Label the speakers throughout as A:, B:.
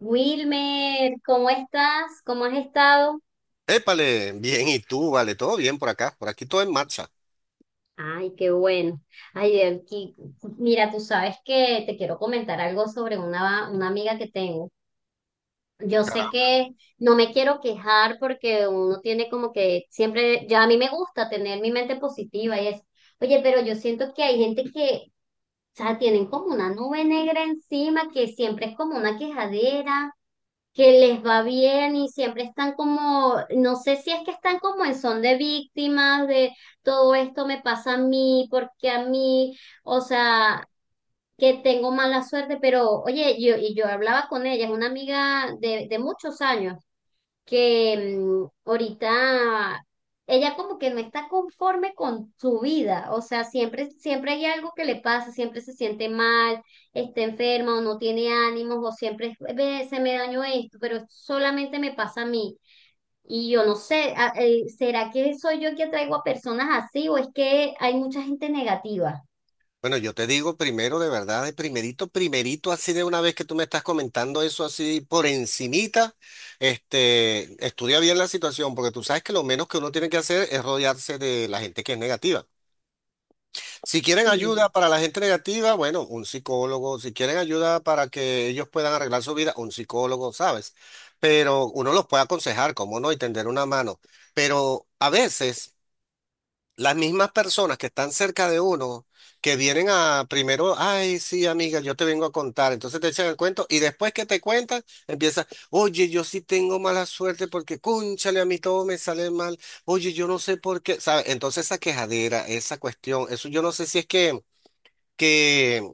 A: Wilmer, ¿cómo estás? ¿Cómo has estado?
B: Épale, bien, ¿y tú? Vale, todo bien por acá, por aquí todo en marcha.
A: Ay, qué bueno. Ay, aquí, mira, tú sabes que te quiero comentar algo sobre una amiga que tengo. Yo sé que no me quiero quejar porque uno tiene como que siempre, ya a mí me gusta tener mi mente positiva y eso. Oye, pero yo siento que hay gente que, o sea, tienen como una nube negra encima que siempre es como una quejadera. Que les va bien y siempre están como, no sé si es que están como en son de víctimas de todo esto me pasa a mí, porque a mí, o sea, que tengo mala suerte, pero oye, y yo hablaba con ella, es una amiga de muchos años, que ahorita ella como que no está conforme con su vida, o sea, siempre, siempre hay algo que le pasa, siempre se siente mal, está enferma o no tiene ánimos o siempre es, "Ve, se me dañó esto, pero esto solamente me pasa a mí". Y yo no sé, ¿será que soy yo que atraigo a personas así o es que hay mucha gente negativa?
B: Bueno, yo te digo primero, de verdad, de primerito, primerito, así de una vez que tú me estás comentando eso así por encimita, estudia bien la situación, porque tú sabes que lo menos que uno tiene que hacer es rodearse de la gente que es negativa. Si quieren
A: Sí,
B: ayuda para la gente negativa, bueno, un psicólogo, si quieren ayuda para que ellos puedan arreglar su vida, un psicólogo, ¿sabes? Pero uno los puede aconsejar, cómo no, y tender una mano. Pero a veces las mismas personas que están cerca de uno, que vienen a primero, ay, sí, amiga, yo te vengo a contar, entonces te echan el cuento y después que te cuentan, empiezas, oye, yo sí tengo mala suerte porque, cónchale, a mí todo me sale mal, oye, yo no sé por qué, ¿sabes? Entonces esa quejadera, esa cuestión, eso yo no sé si es que que,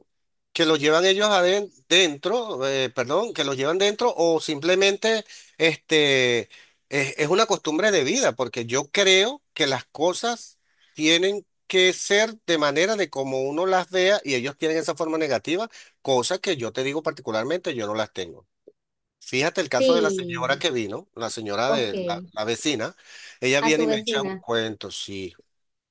B: que los llevan ellos dentro, perdón, que los llevan dentro o simplemente este, es una costumbre de vida, porque yo creo que las cosas tienen que ser de manera de como uno las vea y ellos tienen esa forma negativa, cosa que yo te digo particularmente, yo no las tengo. Fíjate el caso de la señora
A: sí,
B: que vino, la señora
A: ok,
B: de la vecina, ella
A: a
B: viene
A: tu
B: y me echa un
A: vecina,
B: cuento, sí.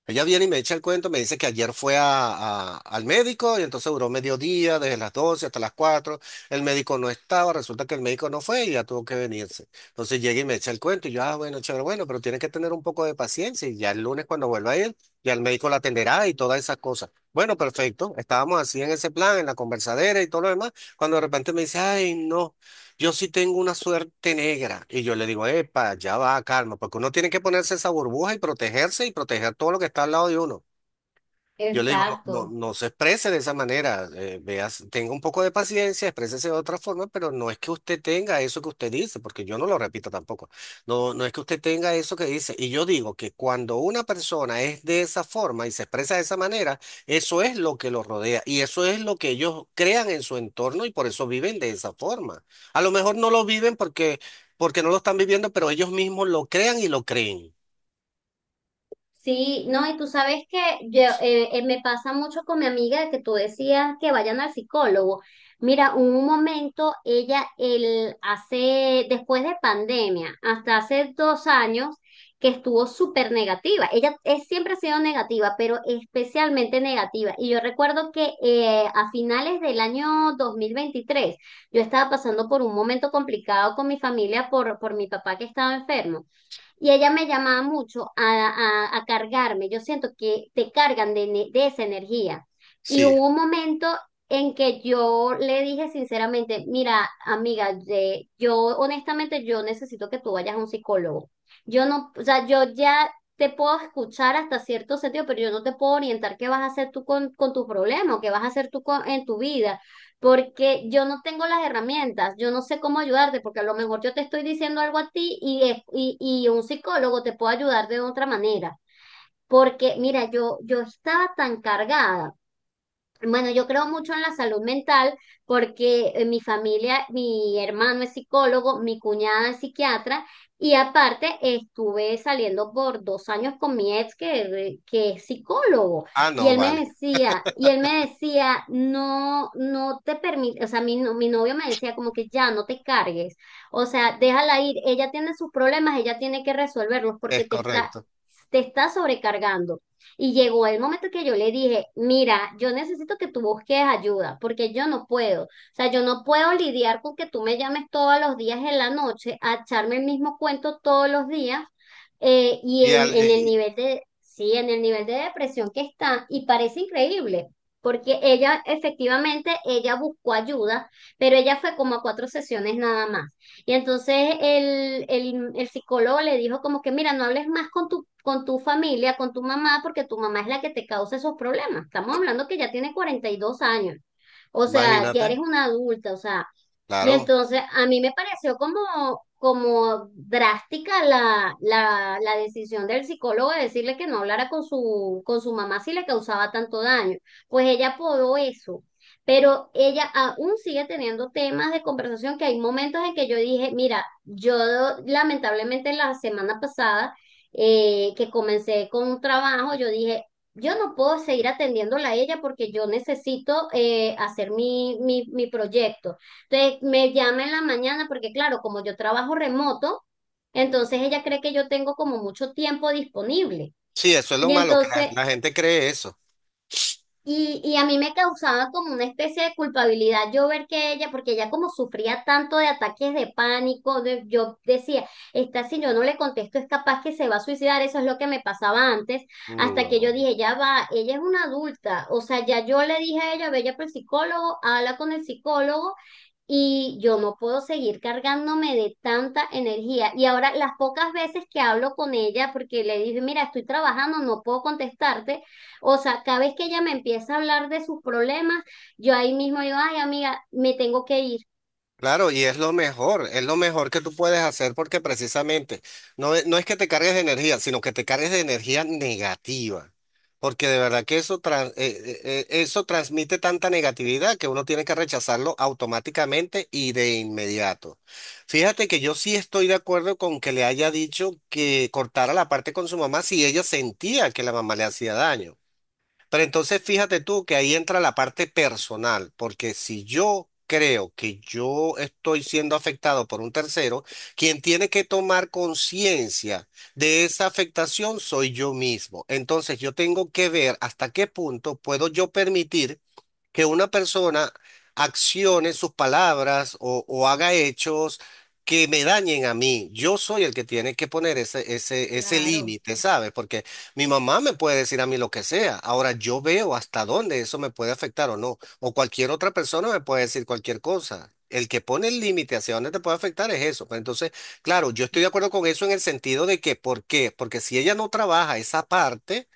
B: Ella viene y me echa el cuento, me dice que ayer fue al médico y entonces duró mediodía, desde las 12 hasta las cuatro. El médico no estaba, resulta que el médico no fue y ya tuvo que venirse. Entonces llega y me echa el cuento y yo, ah, bueno, chévere, bueno, pero tienes que tener un poco de paciencia y ya el lunes cuando vuelva a ir, ya el médico la atenderá y todas esas cosas. Bueno, perfecto, estábamos así en ese plan, en la conversadera y todo lo demás, cuando de repente me dice, ay, no. Yo sí tengo una suerte negra y yo le digo, epa, ya va, calma, porque uno tiene que ponerse esa burbuja y protegerse y proteger todo lo que está al lado de uno. Yo le digo, no, no,
A: exacto.
B: no se exprese de esa manera, veas, tenga un poco de paciencia, exprésese de otra forma, pero no es que usted tenga eso que usted dice, porque yo no lo repito tampoco. No, no es que usted tenga eso que dice. Y yo digo que cuando una persona es de esa forma y se expresa de esa manera, eso es lo que los rodea y eso es lo que ellos crean en su entorno y por eso viven de esa forma. A lo mejor no lo viven porque, porque no lo están viviendo, pero ellos mismos lo crean y lo creen.
A: Sí, no, y tú sabes que me pasa mucho con mi amiga de que tú decías que vayan al psicólogo. Mira, hubo un momento, después de pandemia, hasta hace 2 años, que estuvo súper negativa. Ella es, siempre ha sido negativa, pero especialmente negativa. Y yo recuerdo que a finales del año 2023 yo estaba pasando por un momento complicado con mi familia por mi papá que estaba enfermo. Y ella me llamaba mucho a, a cargarme. Yo siento que te cargan de esa energía. Y
B: Sí.
A: hubo un momento en que yo le dije sinceramente, mira, amiga, yo honestamente yo necesito que tú vayas a un psicólogo. Yo no, o sea, yo ya te puedo escuchar hasta cierto sentido, pero yo no te puedo orientar qué vas a hacer tú con tu problema o qué vas a hacer tú en tu vida porque yo no tengo las herramientas, yo no sé cómo ayudarte, porque a lo mejor yo te estoy diciendo algo a ti y un psicólogo te puede ayudar de otra manera. Porque, mira, yo estaba tan cargada, bueno, yo creo mucho en la salud mental porque mi familia, mi hermano es psicólogo, mi cuñada es psiquiatra y aparte estuve saliendo por 2 años con mi ex que es psicólogo.
B: Ah,
A: y
B: no,
A: él me
B: vale,
A: decía, y él me decía, no, no te permite, o sea, mi, no- mi novio me decía como que ya no te cargues, o sea, déjala ir, ella tiene sus problemas, ella tiene que resolverlos porque
B: es
A: te está,
B: correcto.
A: te está sobrecargando. Y llegó el momento que yo le dije, mira, yo necesito que tú busques ayuda, porque yo no puedo. O sea, yo no puedo lidiar con que tú me llames todos los días en la noche a echarme el mismo cuento todos los días. eh, y
B: Y
A: en,
B: al-
A: en el
B: eh,
A: nivel de, sí, en el nivel de depresión que está, y parece increíble. Porque ella, efectivamente, ella buscó ayuda, pero ella fue como a cuatro sesiones nada más. Y entonces el psicólogo le dijo como que, mira, no hables más con tu familia, con tu mamá, porque tu mamá es la que te causa esos problemas. Estamos hablando que ya tiene 42 años. O sea, ya eres
B: ¡Imagínate!
A: una adulta, o sea. Y
B: Claro.
A: entonces a mí me pareció como, como drástica la decisión del psicólogo de decirle que no hablara con su mamá si le causaba tanto daño. Pues ella apodó eso, pero ella aún sigue teniendo temas de conversación que hay momentos en que yo dije, mira, yo lamentablemente la semana pasada que comencé con un trabajo, yo dije, yo no puedo seguir atendiéndola a ella porque yo necesito hacer mi proyecto. Entonces me llama en la mañana porque claro, como yo trabajo remoto, entonces ella cree que yo tengo como mucho tiempo disponible.
B: Sí, eso es lo
A: Y
B: malo, que
A: entonces
B: la gente cree eso.
A: y a mí me causaba como una especie de culpabilidad yo ver que ella, porque ella como sufría tanto de ataques de pánico, yo decía, esta si yo no le contesto es capaz que se va a suicidar, eso es lo que me pasaba antes, hasta que yo
B: No.
A: dije, ya va, ella es una adulta, o sea, ya yo le dije a ella, ve ya por el psicólogo, habla con el psicólogo y yo no puedo seguir cargándome de tanta energía. Y ahora las pocas veces que hablo con ella, porque le dije, mira, estoy trabajando, no puedo contestarte, o sea, cada vez que ella me empieza a hablar de sus problemas, yo ahí mismo digo, ay, amiga, me tengo que ir.
B: Claro, y es lo mejor que tú puedes hacer porque precisamente no, no es que te cargues de energía, sino que te cargues de energía negativa. Porque de verdad que eso, eso transmite tanta negatividad que uno tiene que rechazarlo automáticamente y de inmediato. Fíjate que yo sí estoy de acuerdo con que le haya dicho que cortara la parte con su mamá si ella sentía que la mamá le hacía daño. Pero entonces fíjate tú que ahí entra la parte personal, porque si yo creo que yo estoy siendo afectado por un tercero, quien tiene que tomar conciencia de esa afectación soy yo mismo. Entonces yo tengo que ver hasta qué punto puedo yo permitir que una persona accione sus palabras o haga hechos que me dañen a mí. Yo soy el que tiene que poner ese
A: Claro,
B: límite, ¿sabes? Porque mi mamá me puede decir a mí lo que sea. Ahora yo veo hasta dónde eso me puede afectar o no. O cualquier otra persona me puede decir cualquier cosa. El que pone el límite hacia dónde te puede afectar es eso. Pero entonces, claro, yo estoy de acuerdo con eso en el sentido de que, ¿por qué? Porque si ella no trabaja esa parte,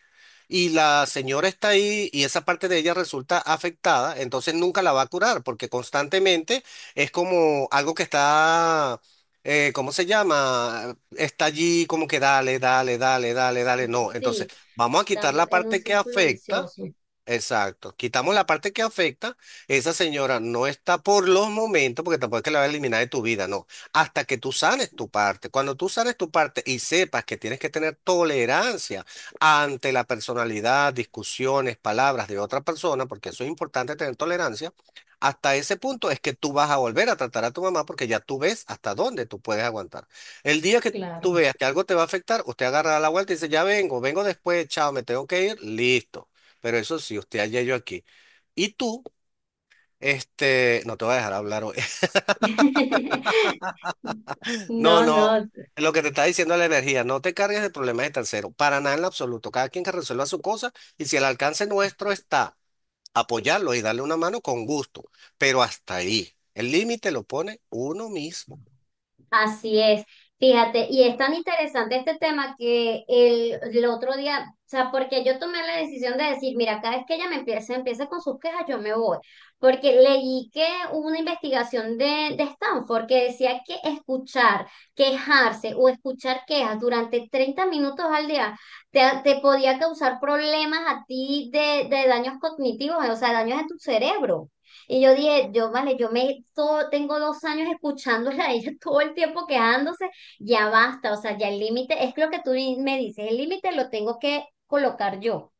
B: y la señora está ahí y esa parte de ella resulta afectada, entonces nunca la va a curar porque constantemente es como algo que está, ¿cómo se llama? Está allí como que dale, dale, dale, dale, dale. No, entonces
A: sí,
B: vamos a quitar
A: dando
B: la
A: en un
B: parte que
A: círculo
B: afecta.
A: vicioso.
B: Exacto. Quitamos la parte que afecta. Esa señora no está por los momentos, porque tampoco es que la va a eliminar de tu vida, no. Hasta que tú sanes tu parte. Cuando tú sanes tu parte y sepas que tienes que tener tolerancia ante la personalidad, discusiones, palabras de otra persona, porque eso es importante tener tolerancia, hasta ese punto es que tú vas a volver a tratar a tu mamá porque ya tú ves hasta dónde tú puedes aguantar. El día que tú
A: Claro.
B: veas que algo te va a afectar, usted agarra la vuelta y dice, ya vengo, vengo después, chao, me tengo que ir, listo. Pero eso sí, usted allá yo aquí. Y tú, no te voy a dejar hablar hoy.
A: No,
B: No, no,
A: no.
B: lo que te está diciendo es la energía, no te cargues de problemas de tercero, para nada en lo absoluto. Cada quien que resuelva su cosa y si el alcance nuestro está apoyarlo y darle una mano con gusto, pero hasta ahí. El límite lo pone uno mismo.
A: Así es, fíjate, y es tan interesante este tema que el otro día, o sea, porque yo tomé la decisión de decir, mira, cada vez que ella me empiece con sus quejas, yo me voy, porque leí que hubo una investigación de Stanford que decía que escuchar, quejarse o escuchar quejas durante 30 minutos al día te podía causar problemas a ti de daños cognitivos, o sea, daños en tu cerebro. Y yo dije, yo vale, yo me todo, tengo 2 años escuchándola a ella todo el tiempo quejándose, ya basta, o sea, ya el límite, es lo que tú me dices, el límite lo tengo que colocar yo.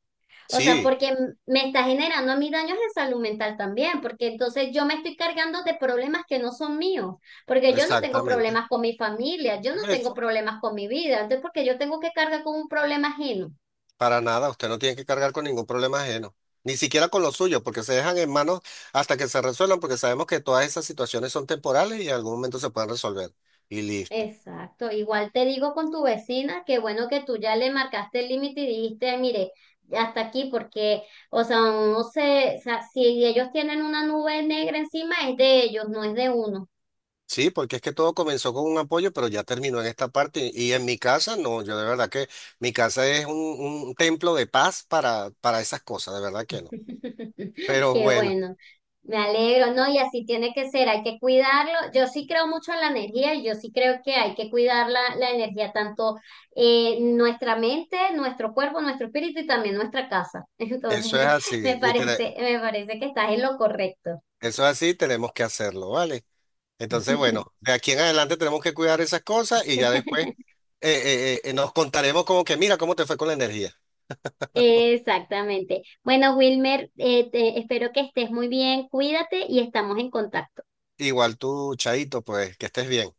A: O sea,
B: Sí,
A: porque me está generando a mí daños de salud mental también, porque entonces yo me estoy cargando de problemas que no son míos, porque yo no tengo
B: exactamente.
A: problemas con mi familia, yo no tengo
B: Eso.
A: problemas con mi vida, entonces porque yo tengo que cargar con un problema ajeno.
B: Para nada, usted no tiene que cargar con ningún problema ajeno, ni siquiera con los suyos, porque se dejan en manos hasta que se resuelvan, porque sabemos que todas esas situaciones son temporales y en algún momento se pueden resolver. Y listo.
A: Exacto, igual te digo con tu vecina que bueno que tú ya le marcaste el límite y dijiste, mire, hasta aquí porque, o sea, uno se, o sea, si ellos tienen una nube negra encima es de ellos, no es de uno.
B: Sí, porque es que todo comenzó con un apoyo, pero ya terminó en esta parte. Y en mi casa, no, yo de verdad que mi casa es un templo de paz para esas cosas, de verdad que no. Pero
A: Qué
B: bueno,
A: bueno, me alegro, ¿no? Y así tiene que ser, hay que cuidarlo. Yo sí creo mucho en la energía y yo sí creo que hay que cuidar la energía, tanto nuestra mente, nuestro cuerpo, nuestro espíritu y también nuestra casa. Entonces,
B: eso es así, y te-
A: me parece que estás en lo correcto.
B: eso es así, tenemos que hacerlo, ¿vale? Entonces, bueno, de aquí en adelante tenemos que cuidar esas cosas y ya después nos contaremos como que, mira, cómo te fue con la energía.
A: Exactamente. Bueno, Wilmer, espero que estés muy bien, cuídate y estamos en contacto.
B: Igual tú, Chaito, pues que estés bien.